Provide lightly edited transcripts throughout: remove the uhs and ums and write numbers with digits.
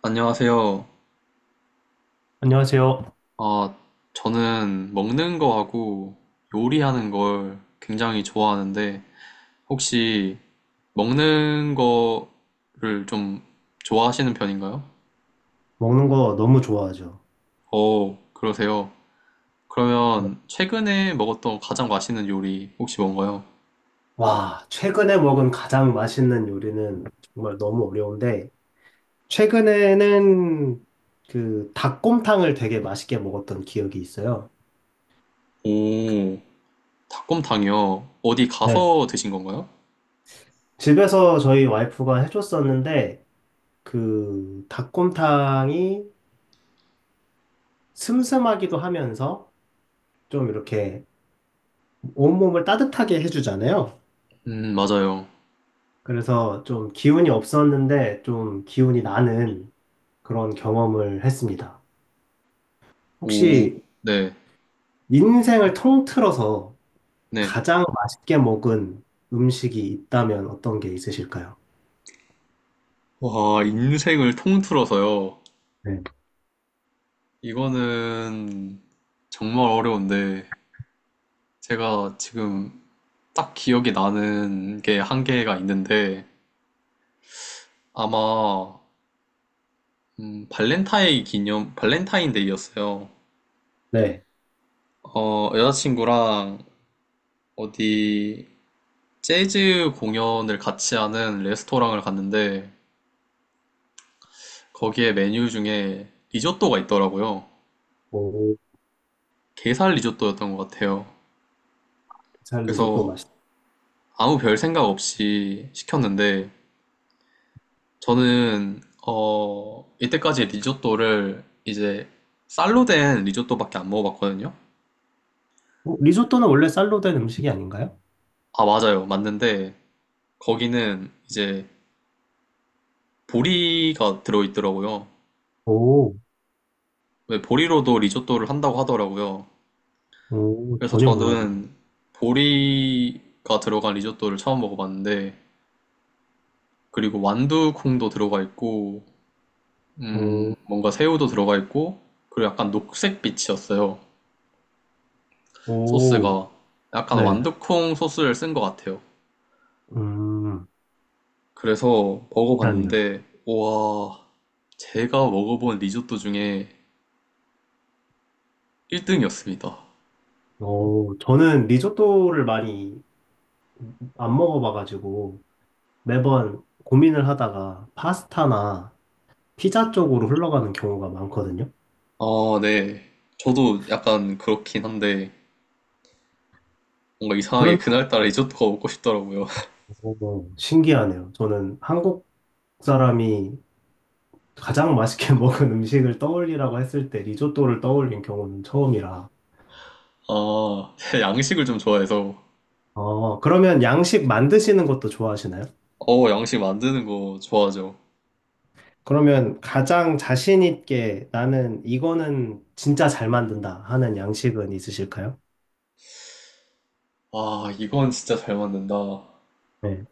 안녕하세요. 안녕하세요. 아, 저는 먹는 거하고 요리하는 걸 굉장히 좋아하는데, 혹시 먹는 거를 좀 좋아하시는 편인가요? 먹는 거 너무 좋아하죠. 오, 그러세요. 네. 그러면 최근에 먹었던 가장 맛있는 요리 혹시 뭔가요? 와, 최근에 먹은 가장 맛있는 요리는 정말 너무 어려운데, 최근에는 그 닭곰탕을 되게 맛있게 먹었던 기억이 있어요. 오, 닭곰탕이요. 어디 네. 가서 드신 건가요? 집에서 저희 와이프가 해줬었는데, 그 닭곰탕이 슴슴하기도 하면서 좀 이렇게 온몸을 따뜻하게 해주잖아요. 맞아요. 그래서 좀 기운이 없었는데, 좀 기운이 나는 그런 경험을 했습니다. 오, 혹시 네, 인생을 통틀어서 네. 가장 맛있게 먹은 음식이 있다면 어떤 게 있으실까요? 와, 인생을 통틀어서요. 네. 이거는 정말 어려운데, 제가 지금 딱 기억이 나는 게 한 개가 있는데, 아마, 발렌타인데이였어요. 네. 여자친구랑 어디 재즈 공연을 같이 하는 레스토랑을 갔는데, 거기에 메뉴 중에 리조또가 있더라고요. 오, 게살 리조또였던 것 같아요. 살 리조또 그래서 맛있다. 아무 별 생각 없이 시켰는데, 저는 이때까지 리조또를 이제 쌀로 된 리조또밖에 안 먹어봤거든요. 어, 리조또는 원래 쌀로 된 음식이 아닌가요? 맞아요, 맞는데 거기는 이제 보리가 들어있더라고요. 오, 왜 보리로도 리조또를 한다고 하더라고요. 오, 그래서 전혀 몰랐네요. 저는 보리가 들어간 리조또를 처음 먹어봤는데, 그리고 완두콩도 들어가 있고, 오, 뭔가 새우도 들어가 있고, 그리고 약간 녹색빛이었어요. 오, 소스가 약간 네. 완두콩 소스를 쓴 것 같아요. 음, 그래서 그러네요. 먹어봤는데, 와, 제가 먹어본 리조또 중에 1등이었습니다. 오, 저는 리조또를 많이 안 먹어봐가지고 매번 고민을 하다가 파스타나 피자 쪽으로 흘러가는 경우가 많거든요. 아, 네. 저도 약간 그렇긴 한데, 뭔가 이상하게 그날따라 리조또가 먹고 싶더라고요. 어, 신기하네요. 저는 한국 사람이 가장 맛있게 먹은 음식을 떠올리라고 했을 때 리조또를 떠올린 경우는 처음이라. 제가 양식을 좀 좋아해서, 어, 그러면 양식 만드시는 것도 좋아하시나요? 양식 만드는 거 좋아하죠. 그러면 가장 자신 있게 나는 이거는 진짜 잘 만든다 하는 양식은 있으실까요? 이건 진짜 잘 만든다. 네.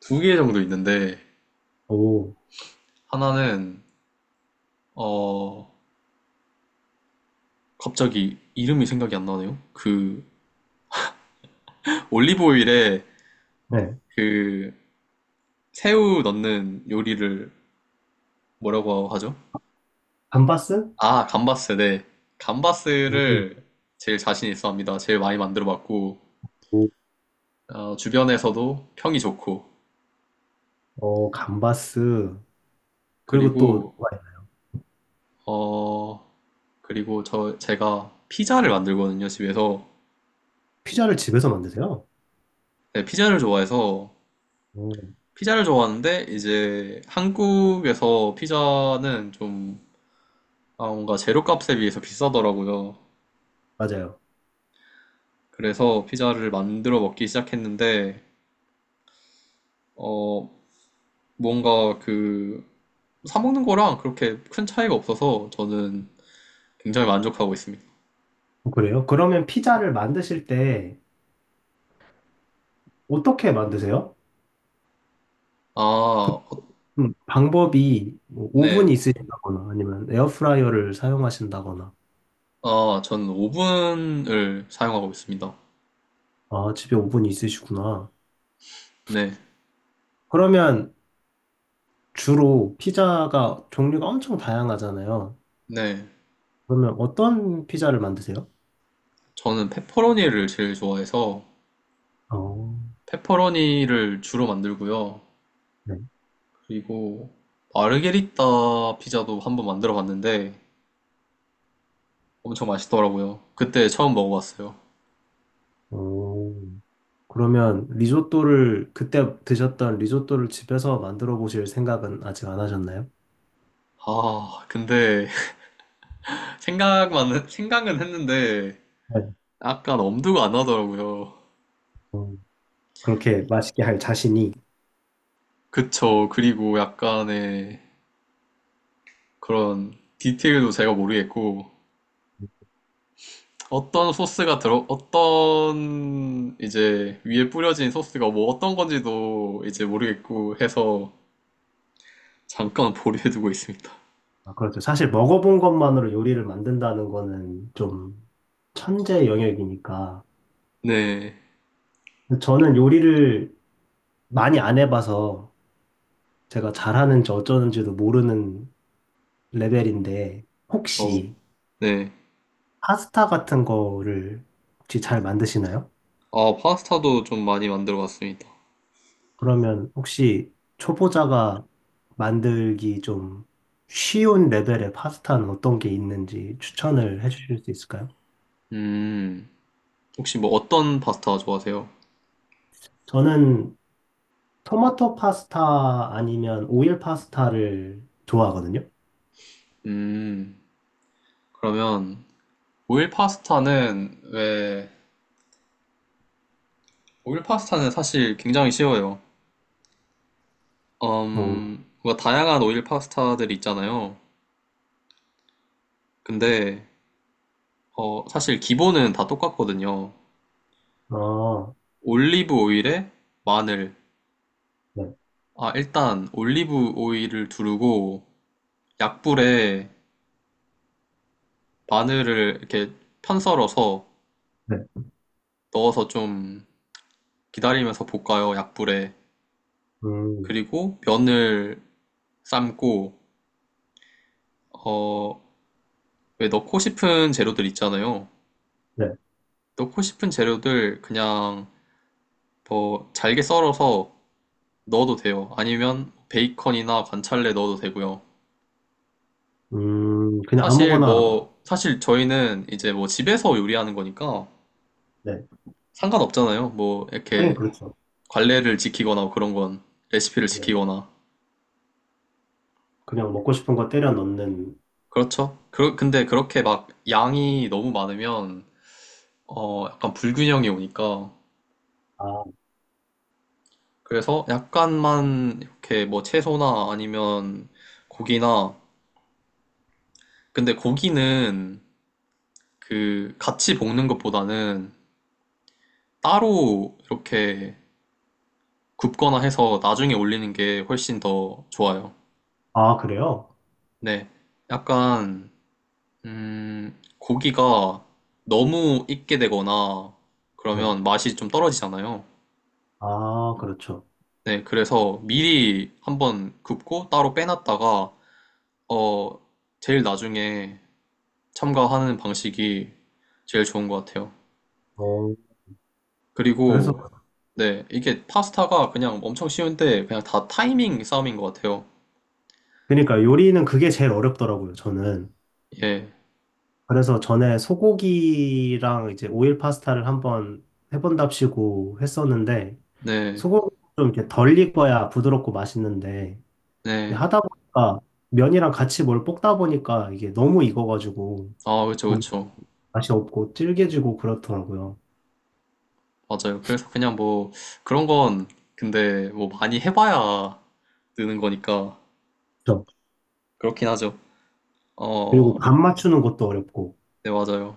두 개 정도 있는데, 오, 하나는, 어, 갑자기 이름이 생각이 안 나네요? 그, 올리브오일에, 네. 그, 새우 넣는 요리를 뭐라고 하죠? 감바스? 감바스, 네. 오, 감바스를 제일 자신 있어 합니다. 제일 많이 만들어 봤고, 오. 주변에서도 평이 좋고, 어, 감바스. 그리고 또 그리고, 어, 그리고 제가 피자를 만들거든요, 집에서. 피자를 집에서 만드세요? 네, 오, 피자를 좋아하는데, 이제 한국에서 피자는 좀, 뭔가 재료값에 비해서 비싸더라고요. 맞아요. 그래서 피자를 만들어 먹기 시작했는데, 어, 뭔가 그 사 먹는 거랑 그렇게 큰 차이가 없어서 저는 굉장히 만족하고 있습니다. 어, 그래요? 그러면 피자를 만드실 때 어떻게 만드세요? 아, 어, 방법이 뭐 오븐이 네. 네. 있으시다거나 아니면 에어프라이어를 사용하신다거나 저는 오븐을 사용하고 있습니다. 아 집에 오븐이 있으시구나. 네. 그러면 주로 피자가 종류가 엄청 다양하잖아요. 네. 그러면 어떤 피자를 만드세요? 저는 페퍼로니를 제일 좋아해서 어, 페퍼로니를 주로 만들고요. 네. 그리고 마르게리따 피자도 한번 만들어 봤는데 엄청 맛있더라고요. 그때 처음 먹어봤어요. 오, 그러면 리조또를 그때 드셨던 리조또를 집에서 만들어 보실 생각은 아직 안 하셨나요? 근데 생각은 했는데 네. 약간 엄두가 안 나더라고요. 어, 그렇게 맛있게 할 자신이 그쵸. 그리고 약간의 그런 디테일도 제가 모르겠고, 어떤 이제 위에 뿌려진 소스가 뭐 어떤 건지도 이제 모르겠고 해서 잠깐 보류해두고 있습니다. 아, 그렇죠. 사실 먹어본 것만으로 요리를 만든다는 거는 좀 천재 영역이니까. 네. 저는 요리를 많이 안 해봐서 제가 잘하는지 어쩌는지도 모르는 레벨인데, 어, 혹시 네. 파스타 같은 거를 혹시 잘 만드시나요? 파스타도 좀 많이 만들어 봤습니다. 그러면 혹시 초보자가 만들기 좀 쉬운 레벨의 파스타는 어떤 게 있는지 추천을 해주실 수 있을까요? 음, 혹시 뭐 어떤 파스타 좋아하세요? 저는 토마토 파스타 아니면 오일 파스타를 좋아하거든요. 음, 그러면 오일 파스타는 왜, 오일 파스타는 사실 굉장히 쉬워요. 어, 뭔가 다양한 오일 파스타들이 있잖아요. 근데, 사실 기본은 다 똑같거든요. 어, 올리브 오일에 마늘. 네, 일단 올리브 오일을 두르고 약불에 마늘을 이렇게 편썰어서 네, 넣어서 좀 기다리면서 볶아요, 약불에. 음, 그리고 면을 삶고, 어, 왜 넣고 싶은 재료들 있잖아요. 네, 넣고 싶은 재료들 그냥 더 잘게 썰어서 넣어도 돼요. 아니면 베이컨이나 관찰래 넣어도 되고요. 그냥 사실 아무거나, 뭐 사실 저희는 이제 뭐 집에서 요리하는 거니까 네, 상관없잖아요. 뭐 하긴 이렇게 그렇죠. 관례를 지키거나 그런 건 레시피를 네, 지키거나. 그냥 먹고 싶은 거 때려 넣는, 그렇죠. 그 근데 그렇게 막 양이 너무 많으면 약간 불균형이 오니까, 아, 그래서 약간만 이렇게 뭐 채소나 아니면 고기나, 근데 고기는 그 같이 볶는 것보다는 따로 이렇게 굽거나 해서 나중에 올리는 게 훨씬 더 좋아요. 아, 그래요? 네. 약간, 고기가 너무 익게 되거나 네, 그러면 맛이 좀 떨어지잖아요. 아, 그렇죠. 네. 그래서 미리 한번 굽고 따로 빼놨다가, 어, 제일 나중에 첨가하는 방식이 제일 좋은 것 같아요. 어, 그래서, 그리고, 네. 이게 파스타가 그냥 엄청 쉬운데 그냥 다 타이밍 싸움인 것 같아요. 그러니까 요리는 그게 제일 어렵더라고요, 저는. 예. 그래서 전에 소고기랑 이제 오일 파스타를 한번 해본답시고 했었는데, 네. 소고기 좀 이렇게 덜 익어야 부드럽고 맛있는데, 이게 네. 하다 보니까 면이랑 같이 뭘 볶다 보니까 이게 너무 익어가지고 아, 그쵸, 고기 그쵸. 맛이 없고 질겨지고 그렇더라고요. 맞아요. 그래서 그냥 뭐 그런 건, 근데 뭐 많이 해봐야 느는 거니까 그죠? 그렇긴 하죠. 그리고 어, 간 맞추는 것도 어렵고, 네, 맞아요.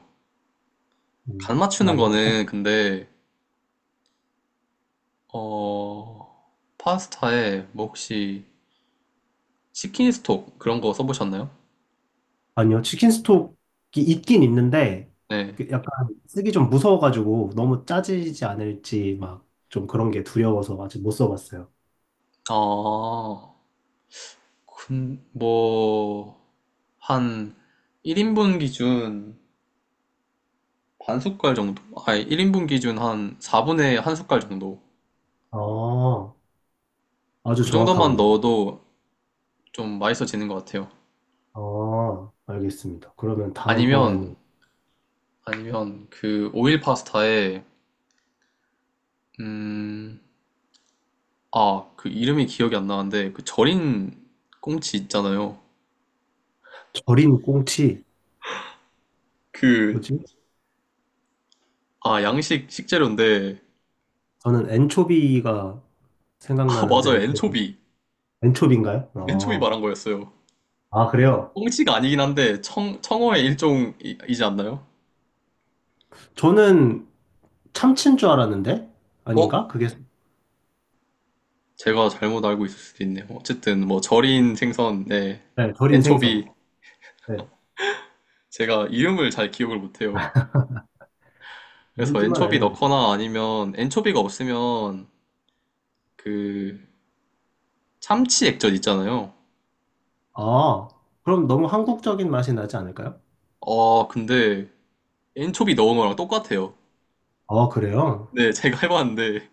간 맞추는 많이 거는 근데, 어, 파스타에 뭐 혹시 치킨 스톡 그런 거 써보셨나요? 아니요, 치킨 스톡이 있긴 있는데, 네. 그 약간 쓰기 좀 무서워가지고 너무 짜지지 않을지 막 좀 그런 게 두려워서 아직 못 써봤어요. 아, 뭐, 한 1인분 기준 반 숟갈 정도? 아니, 1인분 기준 한 4분의 한 숟갈 정도. 아, 아주 그 정도만 정확하군요. 넣어도 좀 맛있어지는 것 같아요. 아, 알겠습니다. 그러면 아니면 다음번에는 아니면 그 오일 파스타에, 음, 그 이름이 기억이 안 나는데 그 절인 꽁치 있잖아요. 절인 꽁치, 그, 뭐지? 양식 식재료인데. 저는 엔초비가 맞아요. 생각나는데, 그 엔초비. 엔초비인가요? 엔초비 말한 어. 거였어요. 아, 그래요? 꽁치가 아니긴 한데 청 청어의 일종이지 않나요? 저는 참치인 줄 알았는데? 어? 아닌가? 그게, 제가 잘못 알고 있을 수도 있네요. 어쨌든 뭐 절인 생선, 네. 네, 절인 생선. 엔초비. 네, 제가 이름을 잘 기억을 못해요. 그래서 뭔지만 엔초비 알면 넣거나 아니면 엔초비가 없으면 그 참치 액젓 있잖아요. 아, 그럼 너무 한국적인 맛이 나지 않을까요? 근데 엔초비 넣은 거랑 똑같아요. 아, 그래요? 네, 제가 해봤는데.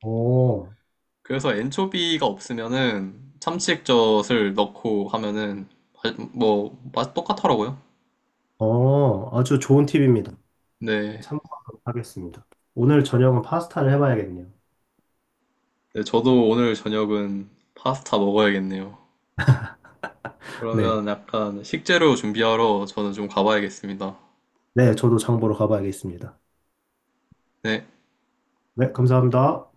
오, 그래서 엔초비가 없으면은 참치 액젓을 넣고 하면은 뭐, 맛 똑같더라고요. 어, 아주 좋은 팁입니다. 네. 참고하도록 하겠습니다. 오늘 저녁은 파스타를 해봐야겠네요. 네, 저도 오늘 저녁은 파스타 먹어야겠네요. 네, 그러면 약간 식재료 준비하러 저는 좀 가봐야겠습니다. 네, 저도 장보러 가봐야겠습니다. 네. 네, 감사합니다.